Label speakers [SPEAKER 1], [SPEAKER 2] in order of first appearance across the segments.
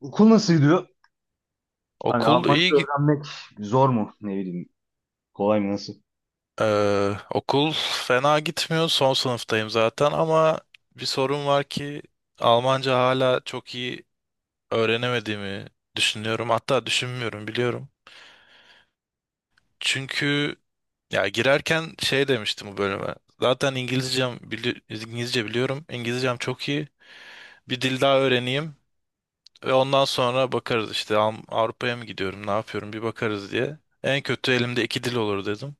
[SPEAKER 1] Okul nasıl gidiyor? Hani
[SPEAKER 2] Okul
[SPEAKER 1] Almanca
[SPEAKER 2] iyi git
[SPEAKER 1] öğrenmek zor mu? Ne bileyim. Kolay mı? Nasıl?
[SPEAKER 2] okul fena gitmiyor. Son sınıftayım zaten ama bir sorun var ki Almanca hala çok iyi öğrenemediğimi düşünüyorum. Hatta düşünmüyorum biliyorum. Çünkü ya girerken şey demiştim bu bölüme. Zaten İngilizcem İngilizce biliyorum. İngilizcem çok iyi. Bir dil daha öğreneyim ve ondan sonra bakarız işte Avrupa'ya mı gidiyorum, ne yapıyorum bir bakarız diye. En kötü elimde iki dil olur dedim.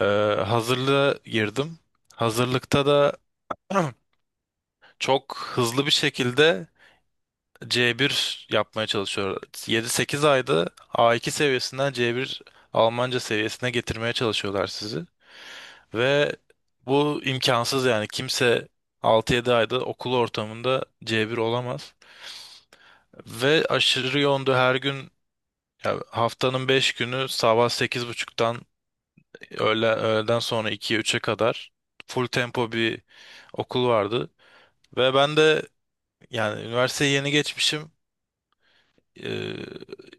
[SPEAKER 2] Ee, hazırlığa girdim. Hazırlıkta da çok hızlı bir şekilde C1 yapmaya çalışıyor. 7 8 ayda A2 seviyesinden C1 Almanca seviyesine getirmeye çalışıyorlar sizi. Ve bu imkansız yani kimse 6 7 ayda okul ortamında C1 olamaz. Ve aşırı yoğundu her gün ya haftanın 5 günü sabah 8.30'dan öğle, öğleden sonra 2'ye üçe kadar full tempo bir okul vardı. Ve ben de yani üniversiteyi yeni geçmişim. Ee,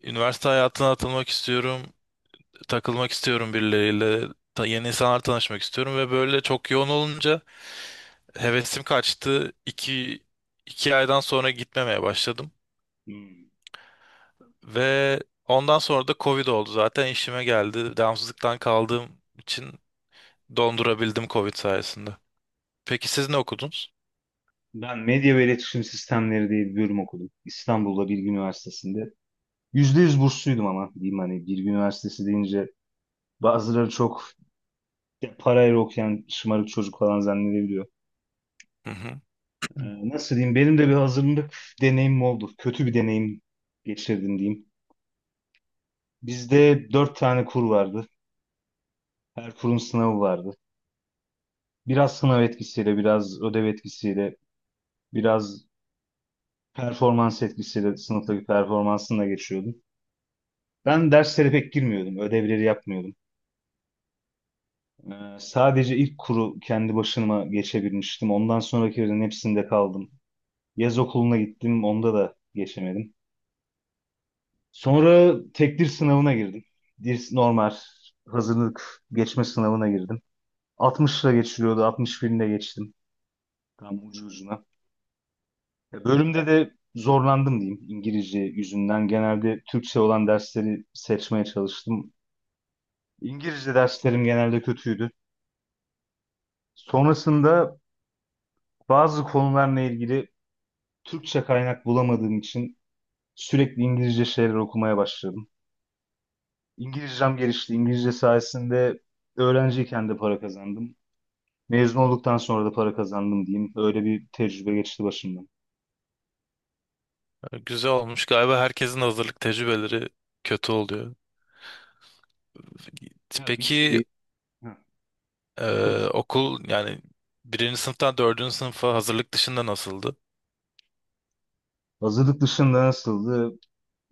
[SPEAKER 2] üniversite hayatına atılmak istiyorum. Takılmak istiyorum birileriyle. Yeni insanlar tanışmak istiyorum. Ve böyle çok yoğun olunca hevesim kaçtı. İki aydan sonra gitmemeye başladım.
[SPEAKER 1] Hmm.
[SPEAKER 2] Ve ondan sonra da Covid oldu zaten işime geldi. Devamsızlıktan kaldığım için dondurabildim Covid sayesinde. Peki siz ne okudunuz?
[SPEAKER 1] Ben medya ve iletişim sistemleri diye bir bölüm okudum. İstanbul'da Bilgi Üniversitesi'nde. Yüzde yüz bursluydum ama diyeyim. Hani Bilgi Üniversitesi deyince bazıları çok parayla okuyan şımarık çocuk falan zannedebiliyor.
[SPEAKER 2] Hı hı.
[SPEAKER 1] Nasıl diyeyim? Benim de bir hazırlık deneyimim oldu. Kötü bir deneyim geçirdim diyeyim. Bizde dört tane kur vardı. Her kurun sınavı vardı. Biraz sınav etkisiyle, biraz ödev etkisiyle, biraz performans etkisiyle sınıftaki performansını da geçiyordum. Ben derslere pek girmiyordum, ödevleri yapmıyordum. Sadece ilk kuru kendi başıma geçebilmiştim. Ondan sonrakilerin hepsinde kaldım. Yaz okuluna gittim, onda da geçemedim. Sonra tek dil sınavına girdim. Dil normal hazırlık geçme sınavına girdim. 60'la geçiliyordu, 61 ile geçtim. Tam ucu ucuna. Ya, bölümde de zorlandım diyeyim İngilizce yüzünden. Genelde Türkçe olan dersleri seçmeye çalıştım. İngilizce derslerim genelde kötüydü. Sonrasında bazı konularla ilgili Türkçe kaynak bulamadığım için sürekli İngilizce şeyler okumaya başladım. İngilizcem gelişti. İngilizce sayesinde öğrenciyken de para kazandım. Mezun olduktan sonra da para kazandım diyeyim. Öyle bir tecrübe geçti başımdan.
[SPEAKER 2] Güzel olmuş. Galiba herkesin hazırlık tecrübeleri kötü oluyor.
[SPEAKER 1] Ya bir
[SPEAKER 2] Peki
[SPEAKER 1] şeyi. Heh, dur.
[SPEAKER 2] okul yani birinci sınıftan dördüncü sınıfa hazırlık dışında nasıldı?
[SPEAKER 1] Hazırlık dışında nasıldı?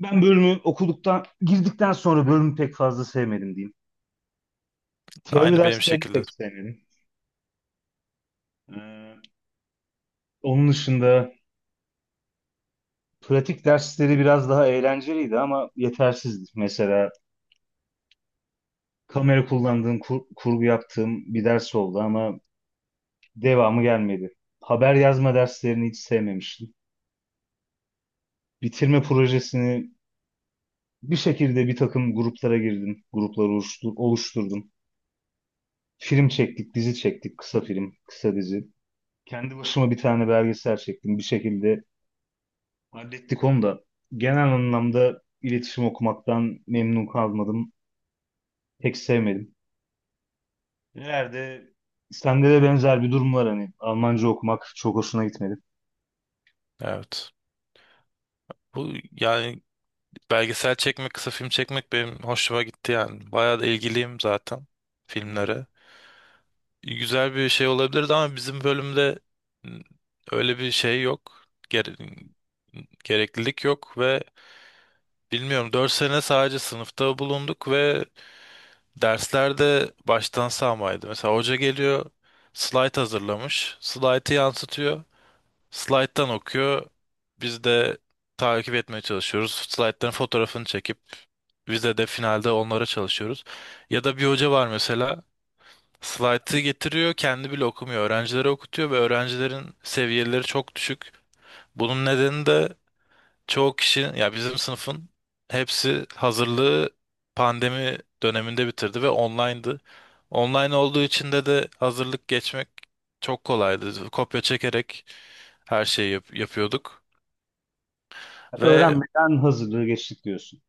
[SPEAKER 1] Ben bölümü okuduktan, girdikten sonra bölümü pek fazla sevmedim diyeyim. Teori
[SPEAKER 2] Aynı benim
[SPEAKER 1] derslerini pek
[SPEAKER 2] şekilde.
[SPEAKER 1] sevmedim. Ee, Onun dışında pratik dersleri biraz daha eğlenceliydi ama yetersizdi. Mesela kamera kullandığım, kurgu yaptığım bir ders oldu ama devamı gelmedi. Haber yazma derslerini hiç sevmemiştim. Bitirme projesini bir şekilde bir takım gruplara girdim. Grupları oluşturdum. Film çektik, dizi çektik, kısa film, kısa dizi. Kendi başıma bir tane belgesel çektim. Bir şekilde hallettik onu da. Genel anlamda iletişim okumaktan memnun kalmadım. Pek sevmedim. Nerede? Sende de benzer bir durum var hani. Almanca okumak çok hoşuna gitmedi.
[SPEAKER 2] Evet. Bu yani belgesel çekmek, kısa film çekmek benim hoşuma gitti yani. Bayağı da ilgiliyim zaten
[SPEAKER 1] Hı.
[SPEAKER 2] filmlere. Güzel bir şey olabilirdi ama bizim bölümde m, öyle bir şey yok. Gereklilik yok ve bilmiyorum 4 sene sadece sınıfta bulunduk ve derslerde baştan sağmaydı. Mesela hoca geliyor, slide hazırlamış. Slide'ı yansıtıyor. Slide'dan okuyor. Biz de takip etmeye çalışıyoruz. Slide'ların fotoğrafını çekip vize de finalde onlara çalışıyoruz. Ya da bir hoca var mesela slaytı getiriyor kendi bile okumuyor. Öğrencilere okutuyor ve öğrencilerin seviyeleri çok düşük. Bunun nedeni de çoğu kişi ya bizim sınıfın hepsi hazırlığı pandemi döneminde bitirdi ve online'dı. Online olduğu için de hazırlık geçmek çok kolaydı. Kopya çekerek her şeyi yapıyorduk. Ve
[SPEAKER 1] Öğrenmeden hazırlığı geçtik diyorsun.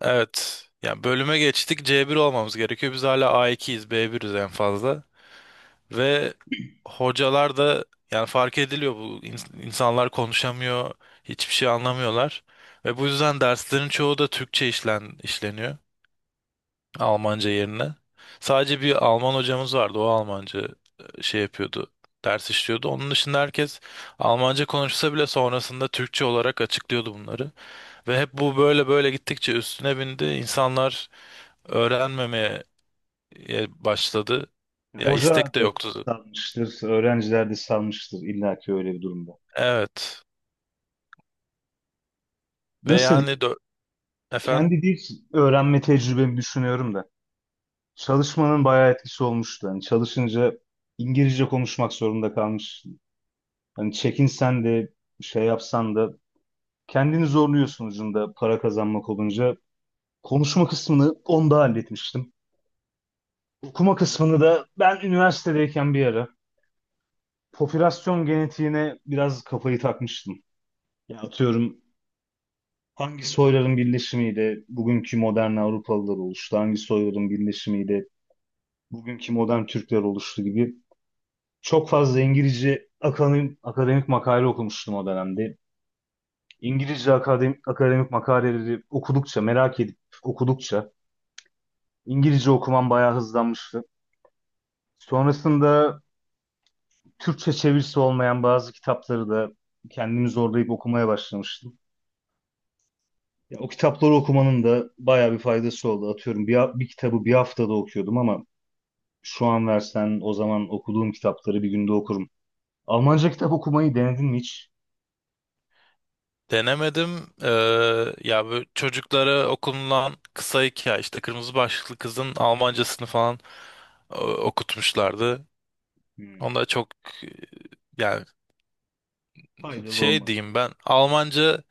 [SPEAKER 2] evet yani bölüme geçtik c bir olmamız gerekiyor. Biz hala a ikiyiz, b biriz en fazla. Ve hocalar da yani fark ediliyor bu insanlar konuşamıyor, hiçbir şey anlamıyorlar. Ve bu yüzden derslerin çoğu da Türkçe işleniyor. Almanca yerine. Sadece bir Alman hocamız vardı. O Almanca şey yapıyordu. Ders işliyordu. Onun dışında herkes Almanca konuşsa bile sonrasında Türkçe olarak açıklıyordu bunları. Ve hep bu böyle böyle gittikçe üstüne bindi. İnsanlar öğrenmemeye başladı.
[SPEAKER 1] Hı.
[SPEAKER 2] Ya
[SPEAKER 1] Hoca
[SPEAKER 2] istek de
[SPEAKER 1] da
[SPEAKER 2] yoktu.
[SPEAKER 1] salmıştır, öğrenciler de salmıştır illa ki öyle bir durumda.
[SPEAKER 2] Evet. Ve
[SPEAKER 1] Nasıl
[SPEAKER 2] yani
[SPEAKER 1] diyeyim?
[SPEAKER 2] efendim
[SPEAKER 1] Kendi dil öğrenme tecrübemi düşünüyorum da. Çalışmanın bayağı etkisi olmuştu. Hani çalışınca İngilizce konuşmak zorunda kalmıştım. Hani çekinsen de şey yapsan da kendini zorluyorsun ucunda para kazanmak olunca. Konuşma kısmını onda halletmiştim. Okuma kısmını da ben üniversitedeyken bir ara popülasyon genetiğine biraz kafayı takmıştım. Ya atıyorum, hangi soyların birleşimiyle bugünkü modern Avrupalılar oluştu, hangi soyların birleşimiyle bugünkü modern Türkler oluştu gibi çok fazla İngilizce akademik makale okumuştum o dönemde. İngilizce akademik makaleleri okudukça, merak edip okudukça İngilizce okumam bayağı hızlanmıştı. Sonrasında Türkçe çevirisi olmayan bazı kitapları da kendimi zorlayıp okumaya başlamıştım. Ya, o kitapları okumanın da bayağı bir faydası oldu. Atıyorum bir kitabı bir haftada okuyordum ama şu an versen o zaman okuduğum kitapları bir günde okurum. Almanca kitap okumayı denedin mi hiç?
[SPEAKER 2] denemedim. Ya bu çocuklara okunulan kısa hikaye işte kırmızı başlıklı kızın Almancasını falan okutmuşlardı.
[SPEAKER 1] Hmm,
[SPEAKER 2] Onda çok e, yani
[SPEAKER 1] faydalı
[SPEAKER 2] şey
[SPEAKER 1] olmadı.
[SPEAKER 2] diyeyim ben Almanca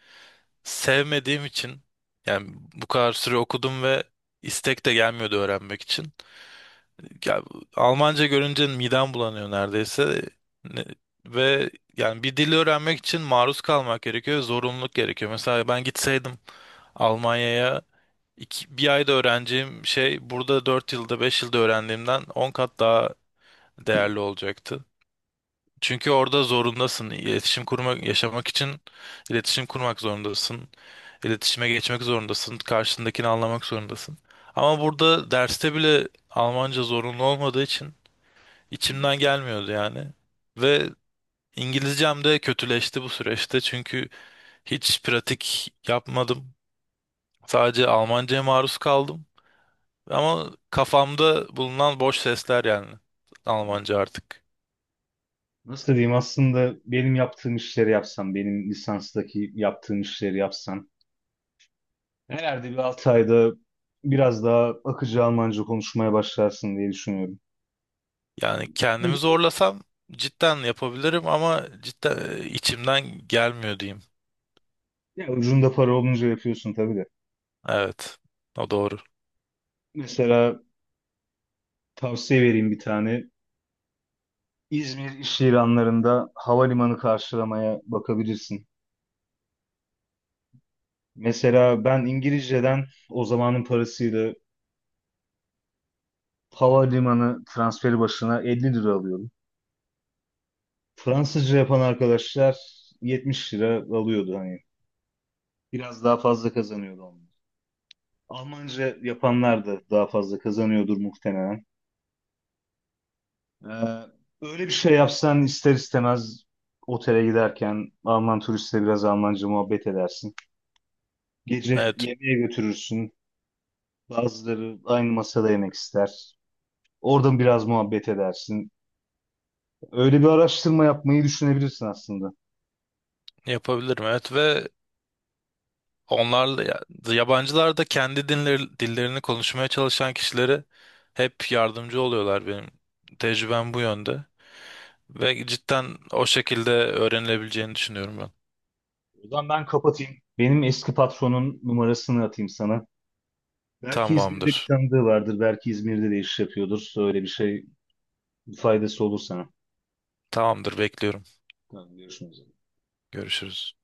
[SPEAKER 2] sevmediğim için yani bu kadar süre okudum ve istek de gelmiyordu öğrenmek için. Ya, Almanca görünce midem bulanıyor neredeyse. Ne- Ve yani bir dili öğrenmek için maruz kalmak gerekiyor, zorunluluk gerekiyor. Mesela ben gitseydim Almanya'ya bir ayda öğreneceğim şey burada 4 yılda 5 yılda öğrendiğimden 10 kat daha değerli olacaktı. Çünkü orada zorundasın. İletişim kurmak, yaşamak için iletişim kurmak zorundasın. İletişime geçmek zorundasın. Karşındakini anlamak zorundasın. Ama burada derste bile Almanca zorunlu olmadığı için
[SPEAKER 1] Hmm,
[SPEAKER 2] içimden gelmiyordu yani. Ve İngilizcem de kötüleşti bu süreçte çünkü hiç pratik yapmadım. Sadece Almanca'ya maruz kaldım. Ama kafamda bulunan boş sesler yani
[SPEAKER 1] hmm.
[SPEAKER 2] Almanca artık.
[SPEAKER 1] Nasıl diyeyim, aslında benim yaptığım işleri yapsan, benim lisanstaki yaptığım işleri yapsan herhalde bir 6 ayda biraz daha akıcı Almanca konuşmaya başlarsın diye düşünüyorum.
[SPEAKER 2] Yani kendimi zorlasam cidden yapabilirim ama cidden içimden gelmiyor diyeyim.
[SPEAKER 1] Ya ucunda para olunca yapıyorsun tabii de.
[SPEAKER 2] Evet. O doğru.
[SPEAKER 1] Mesela tavsiye vereyim bir tane. İzmir iş ilanlarında havalimanı karşılamaya bakabilirsin. Mesela ben İngilizceden o zamanın parasıyla havalimanı transferi başına 50 lira alıyordum. Fransızca yapan arkadaşlar 70 lira alıyordu hani. Biraz daha fazla kazanıyordu onlar. Almanca yapanlar da daha fazla kazanıyordur muhtemelen. Ee, Öyle bir şey yapsan ister istemez otele giderken Alman turistle biraz Almanca muhabbet edersin. Gece
[SPEAKER 2] Evet.
[SPEAKER 1] yemeğe götürürsün. Bazıları aynı masada yemek ister. Oradan biraz muhabbet edersin. Öyle bir araştırma yapmayı düşünebilirsin aslında.
[SPEAKER 2] Yapabilirim. Evet ve onlarla yabancılar da kendi dinleri, dillerini konuşmaya çalışan kişilere hep yardımcı oluyorlar benim. Tecrübem bu yönde. Ve cidden o şekilde öğrenilebileceğini düşünüyorum ben.
[SPEAKER 1] O zaman ben kapatayım. Benim eski patronun numarasını atayım sana. Belki İzmir'de bir
[SPEAKER 2] Tamamdır.
[SPEAKER 1] tanıdığı vardır. Belki İzmir'de de iş yapıyordur. Öyle bir şey faydası olur sana.
[SPEAKER 2] Tamamdır. Bekliyorum.
[SPEAKER 1] Tamam, görüşmek üzere.
[SPEAKER 2] Görüşürüz.